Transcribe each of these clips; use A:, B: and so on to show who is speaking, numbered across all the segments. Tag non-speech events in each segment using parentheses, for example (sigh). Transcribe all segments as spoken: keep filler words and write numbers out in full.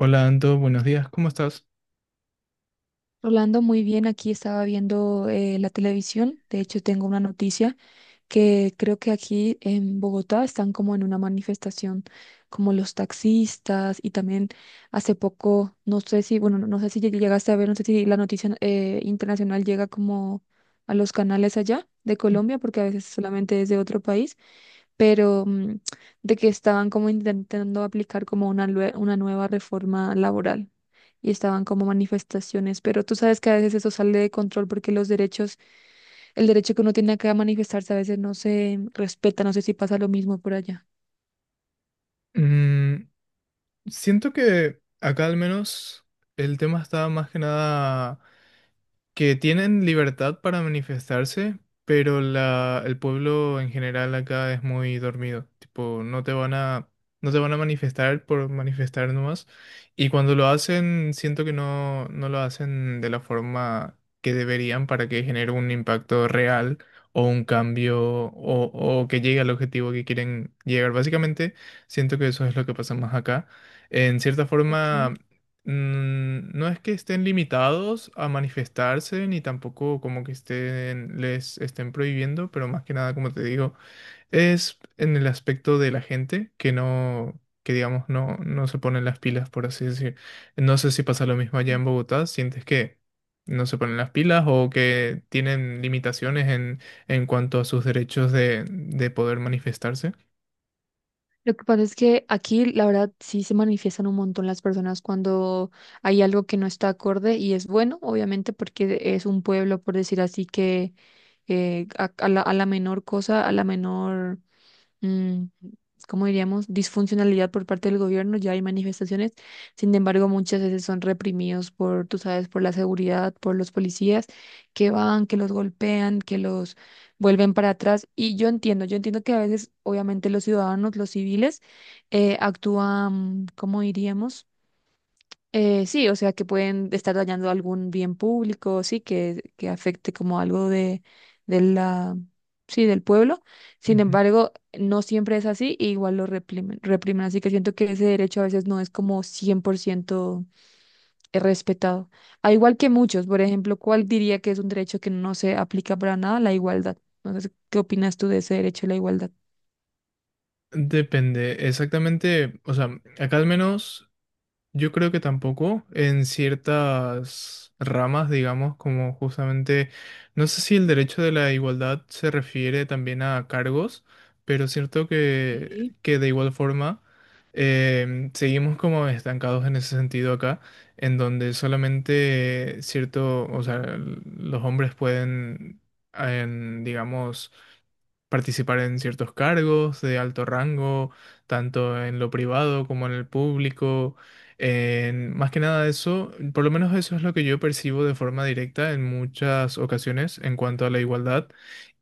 A: Hola Anto, buenos días, ¿cómo estás?
B: Rolando, muy bien, aquí estaba viendo eh, la televisión. De hecho, tengo una noticia que creo que aquí en Bogotá están como en una manifestación, como los taxistas y también hace poco, no sé si, bueno, no no sé si lleg- llegaste a ver, no sé si la noticia eh, internacional llega como a los canales allá de Colombia, porque a veces solamente es de otro país pero mm, de que estaban como intentando aplicar como una, lue- una nueva reforma laboral y estaban como manifestaciones, pero tú sabes que a veces eso sale de control porque los derechos, el derecho que uno tiene acá a manifestarse a veces no se respeta, no sé si pasa lo mismo por allá.
A: Mm, siento que acá al menos el tema está más que nada que tienen libertad para manifestarse, pero la, el pueblo en general acá es muy dormido. Tipo, no te van a, no te van a manifestar por manifestar nomás. Y cuando lo hacen, siento que no, no lo hacen de la forma que deberían para que genere un impacto real o un cambio o, o que llegue al objetivo que quieren llegar. Básicamente, siento que eso es lo que pasa más acá. En cierta forma,
B: Okay.
A: mm, no es que estén limitados a manifestarse, ni tampoco como que estén, les estén prohibiendo, pero más que nada, como te digo, es en el aspecto de la gente que no, que digamos, no, no se ponen las pilas, por así decir. No sé si pasa lo mismo allá en Bogotá, ¿sientes que no se ponen las pilas o que tienen limitaciones en, en cuanto a sus derechos de, de poder manifestarse?
B: Lo que pasa es que aquí, la verdad, sí se manifiestan un montón las personas cuando hay algo que no está acorde y es bueno, obviamente, porque es un pueblo, por decir así, que eh, a, a la, a la menor cosa, a la menor, mm, como diríamos, disfuncionalidad por parte del gobierno, ya hay manifestaciones, sin embargo, muchas veces son reprimidos por, tú sabes, por la seguridad, por los policías que van, que los golpean, que los vuelven para atrás. Y yo entiendo, yo entiendo que a veces, obviamente, los ciudadanos, los civiles, eh, actúan, ¿como diríamos? Eh, sí, o sea, que pueden estar dañando algún bien público, sí, que, que afecte como algo de, de la, sí, del pueblo. Sin
A: Ujú.
B: embargo, no siempre es así, y igual lo reprimen, reprimen. Así que siento que ese derecho a veces no es como cien por ciento respetado. Al igual que muchos, por ejemplo, ¿cuál diría que es un derecho que no se aplica para nada? La igualdad. Entonces, ¿qué opinas tú de ese derecho a la igualdad?
A: Depende, exactamente, o sea, acá al menos yo creo que tampoco en ciertas ramas, digamos, como justamente, no sé si el derecho de la igualdad se refiere también a cargos, pero es cierto que,
B: Sí,
A: que de igual forma em, seguimos como estancados en ese sentido acá, en donde solamente cierto, o sea, l- los hombres pueden, en, digamos, participar en ciertos cargos de alto rango, tanto en lo privado como en el público. En, más que nada eso, por lo menos eso es lo que yo percibo de forma directa en muchas ocasiones en cuanto a la igualdad.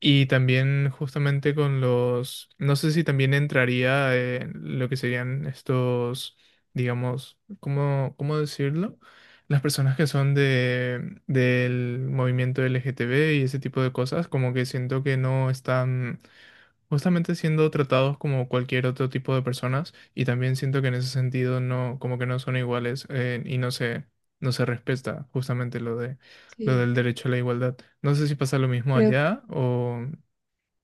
A: Y también justamente con los, no sé si también entraría en lo que serían estos, digamos, ¿cómo, cómo decirlo? Las personas que son de, del movimiento L G T B y ese tipo de cosas, como que siento que no están justamente siendo tratados como cualquier otro tipo de personas, y también siento que en ese sentido no, como que no son iguales, eh, y no se, no se respeta justamente lo de, lo del
B: sí.
A: derecho a la igualdad. No sé si pasa lo mismo
B: Creo que,
A: allá o,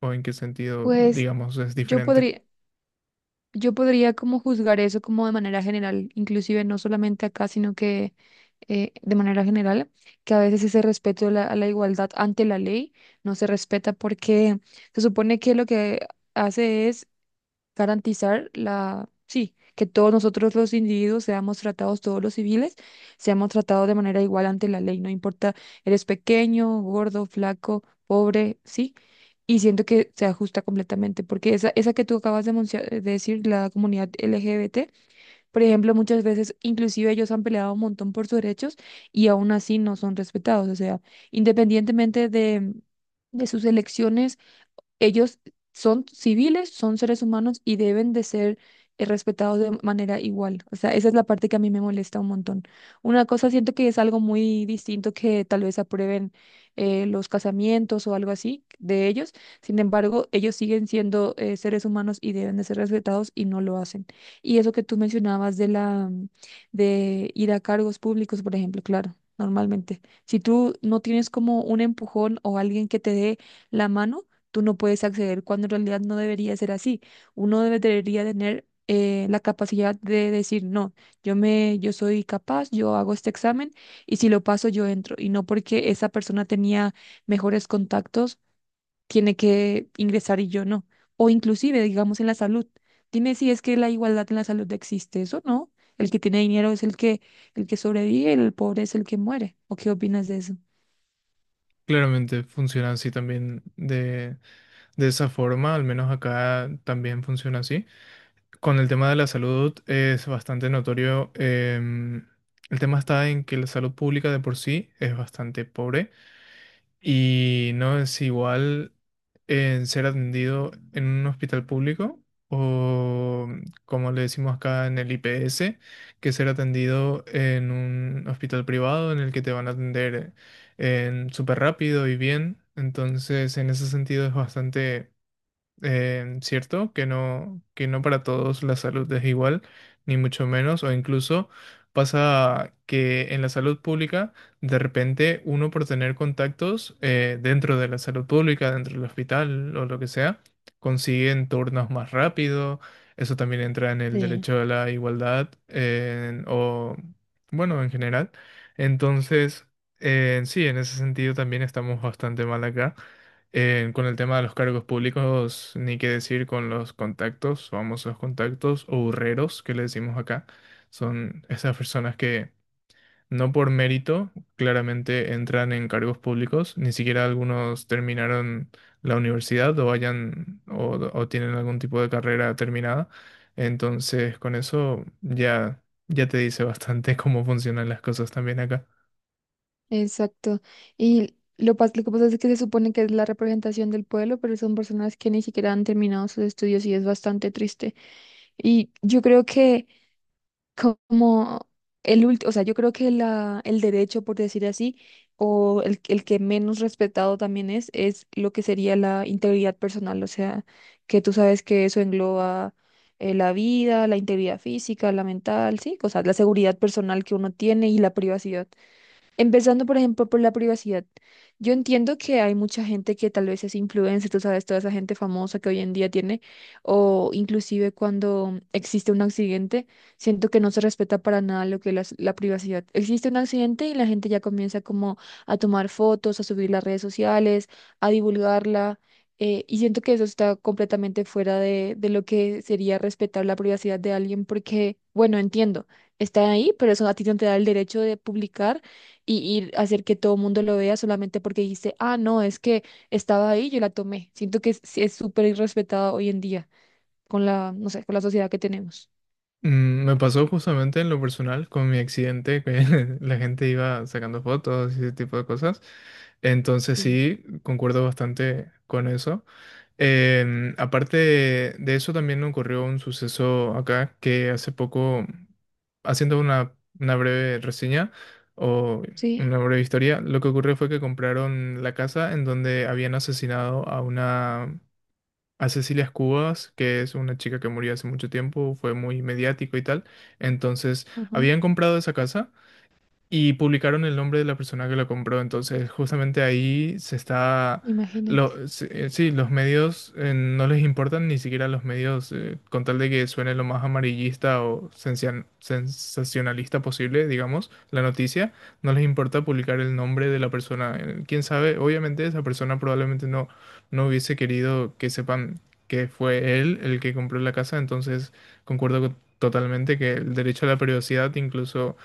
A: o en qué sentido,
B: pues,
A: digamos, es
B: yo
A: diferente.
B: podría. yo podría como juzgar eso como de manera general, inclusive no solamente acá, sino que eh, de manera general, que a veces ese respeto a la, a la igualdad ante la ley no se respeta porque se supone que lo que hace es garantizar la, sí, que todos nosotros los individuos seamos tratados, todos los civiles, seamos tratados de manera igual ante la ley, no importa, eres pequeño, gordo, flaco, pobre, sí, y siento que se ajusta completamente, porque esa, esa que tú acabas de, mencio- de decir, la comunidad L G B T, por ejemplo, muchas veces inclusive ellos han peleado un montón por sus derechos y aún así no son respetados, o sea, independientemente de... de sus elecciones, ellos son civiles, son seres humanos y deben de ser eh, respetados de manera igual. O sea, esa es la parte que a mí me molesta un montón. Una cosa siento que es algo muy distinto, que tal vez aprueben eh, los casamientos o algo así de ellos. Sin embargo, ellos siguen siendo eh, seres humanos y deben de ser respetados y no lo hacen. Y eso que tú mencionabas de la de ir a cargos públicos, por ejemplo, claro, normalmente. Si tú no tienes como un empujón o alguien que te dé la mano, tú no puedes acceder cuando en realidad no debería ser así. Uno debe- debería tener eh, la capacidad de decir, no, yo me, yo soy capaz, yo hago este examen y si lo paso yo entro. Y no porque esa persona tenía mejores contactos, tiene que ingresar y yo no. O inclusive, digamos, en la salud. Dime si es que la igualdad en la salud existe, ¿eso no? El que tiene dinero es el que, el que sobrevive, el pobre es el que muere. ¿O qué opinas de eso?
A: Claramente funciona así también de, de esa forma, al menos acá también funciona así. Con el tema de la salud es bastante notorio. Em, el tema está en que la salud pública de por sí es bastante pobre, y no es igual en ser atendido en un hospital público o, como le decimos acá, en el I P S, que ser atendido en un hospital privado en el que te van a atender en súper rápido y bien. Entonces, en ese sentido es bastante eh, ¿cierto? Que no, que no para todos la salud es igual, ni mucho menos, o incluso pasa que en la salud pública, de repente uno por tener contactos eh, dentro de la salud pública, dentro del hospital o lo que sea, consiguen turnos más rápido. Eso también entra en el
B: Sí.
A: derecho a la igualdad, eh, o bueno, en general. Entonces, eh, sí, en ese sentido también estamos bastante mal acá. Eh, con el tema de los cargos públicos, ni qué decir con los contactos, famosos contactos o burreros que le decimos acá. Son esas personas que no por mérito claramente entran en cargos públicos, ni siquiera algunos terminaron la universidad o hayan o, o tienen algún tipo de carrera terminada. Entonces, con eso ya, ya te dice bastante (laughs) cómo funcionan las cosas también acá.
B: Exacto. Y lo, pas- lo que pasa es que se supone que es la representación del pueblo, pero son personas que ni siquiera han terminado sus estudios y es bastante triste. Y yo creo que como el último, o sea, yo creo que la, el derecho, por decir así, o el, el que menos respetado también es, es lo que sería la integridad personal, o sea, que tú sabes que eso engloba eh, la vida, la integridad física, la mental, sí, o sea, la seguridad personal que uno tiene y la privacidad. Empezando, por ejemplo, por la privacidad. Yo entiendo que hay mucha gente que tal vez es influencer, tú sabes, toda esa gente famosa que hoy en día tiene, o inclusive cuando existe un accidente, siento que no se respeta para nada lo que es la privacidad. Existe un accidente y la gente ya comienza como a tomar fotos, a subir las redes sociales, a divulgarla, eh, y siento que eso está completamente fuera de, de lo que sería respetar la privacidad de alguien, porque, bueno, entiendo, está ahí, pero eso a ti no te da el derecho de publicar y, y hacer que todo el mundo lo vea solamente porque dijiste, ah, no, es que estaba ahí, yo la tomé. Siento que es sí es súper irrespetada hoy en día con la, no sé, con la sociedad que tenemos.
A: Mm, me pasó justamente en lo personal con mi accidente, que (laughs) la gente iba sacando fotos y ese tipo de cosas. Entonces
B: Sí,
A: sí, concuerdo bastante con eso. Em, aparte de, de eso, también ocurrió un suceso acá que hace poco, haciendo una, una breve reseña o
B: sí,
A: una breve historia, lo que ocurrió fue que compraron la casa en donde habían asesinado a una, a Cecilia Cubas, que es una chica que murió hace mucho tiempo, fue muy mediático y tal. Entonces,
B: ajá,
A: habían comprado esa casa y publicaron el nombre de la persona que lo compró. Entonces, justamente ahí se está.
B: imagínate.
A: Lo, se- eh, sí, los medios eh, no les importan ni siquiera los medios, eh, con tal de que suene lo más amarillista o sencian- sensacionalista posible, digamos, la noticia, no les importa publicar el nombre de la persona. Eh, Quién sabe, obviamente esa persona probablemente no, no hubiese querido que sepan que fue él el que compró la casa. Entonces, concuerdo co- totalmente que el derecho a la privacidad incluso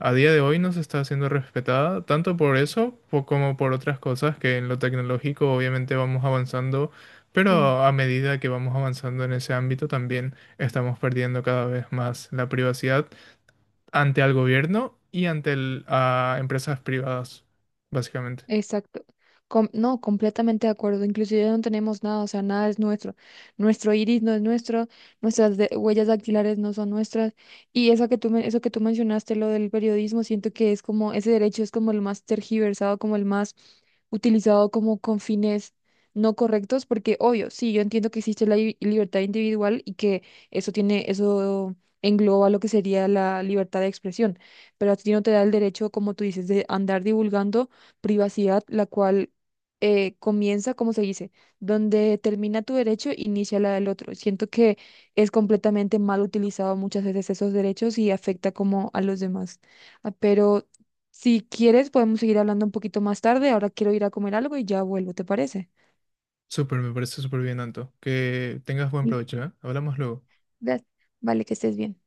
A: a día de hoy no se está haciendo respetada, tanto por eso po- como por otras cosas, que en lo tecnológico obviamente vamos avanzando,
B: Sí.
A: pero a medida que vamos avanzando en ese ámbito también estamos perdiendo cada vez más la privacidad ante el gobierno y ante el- a empresas privadas, básicamente.
B: Exacto. Com- no, completamente de acuerdo. Inclusive no tenemos nada, o sea, nada es nuestro. Nuestro iris no es nuestro, nuestras de- huellas dactilares no son nuestras. Y eso que tú, men- eso que tú mencionaste, lo del periodismo, siento que es como, ese derecho es como el más tergiversado, como el más utilizado como con fines no correctos, porque obvio, sí, yo entiendo que existe la li- libertad individual y que eso tiene, eso engloba lo que sería la libertad de expresión, pero a ti no te da el derecho, como tú dices, de andar divulgando privacidad, la cual eh, comienza, como se dice, donde termina tu derecho, inicia la del otro. Siento que es completamente mal utilizado muchas veces esos derechos y afecta como a los demás. Ah, pero si quieres, podemos seguir hablando un poquito más tarde. Ahora quiero ir a comer algo y ya vuelvo, ¿te parece?
A: Súper, me parece súper bien, Anto. Que tengas buen
B: Sí.
A: provecho, ¿eh? Hablamos luego.
B: Gracias. Vale, que estés bien.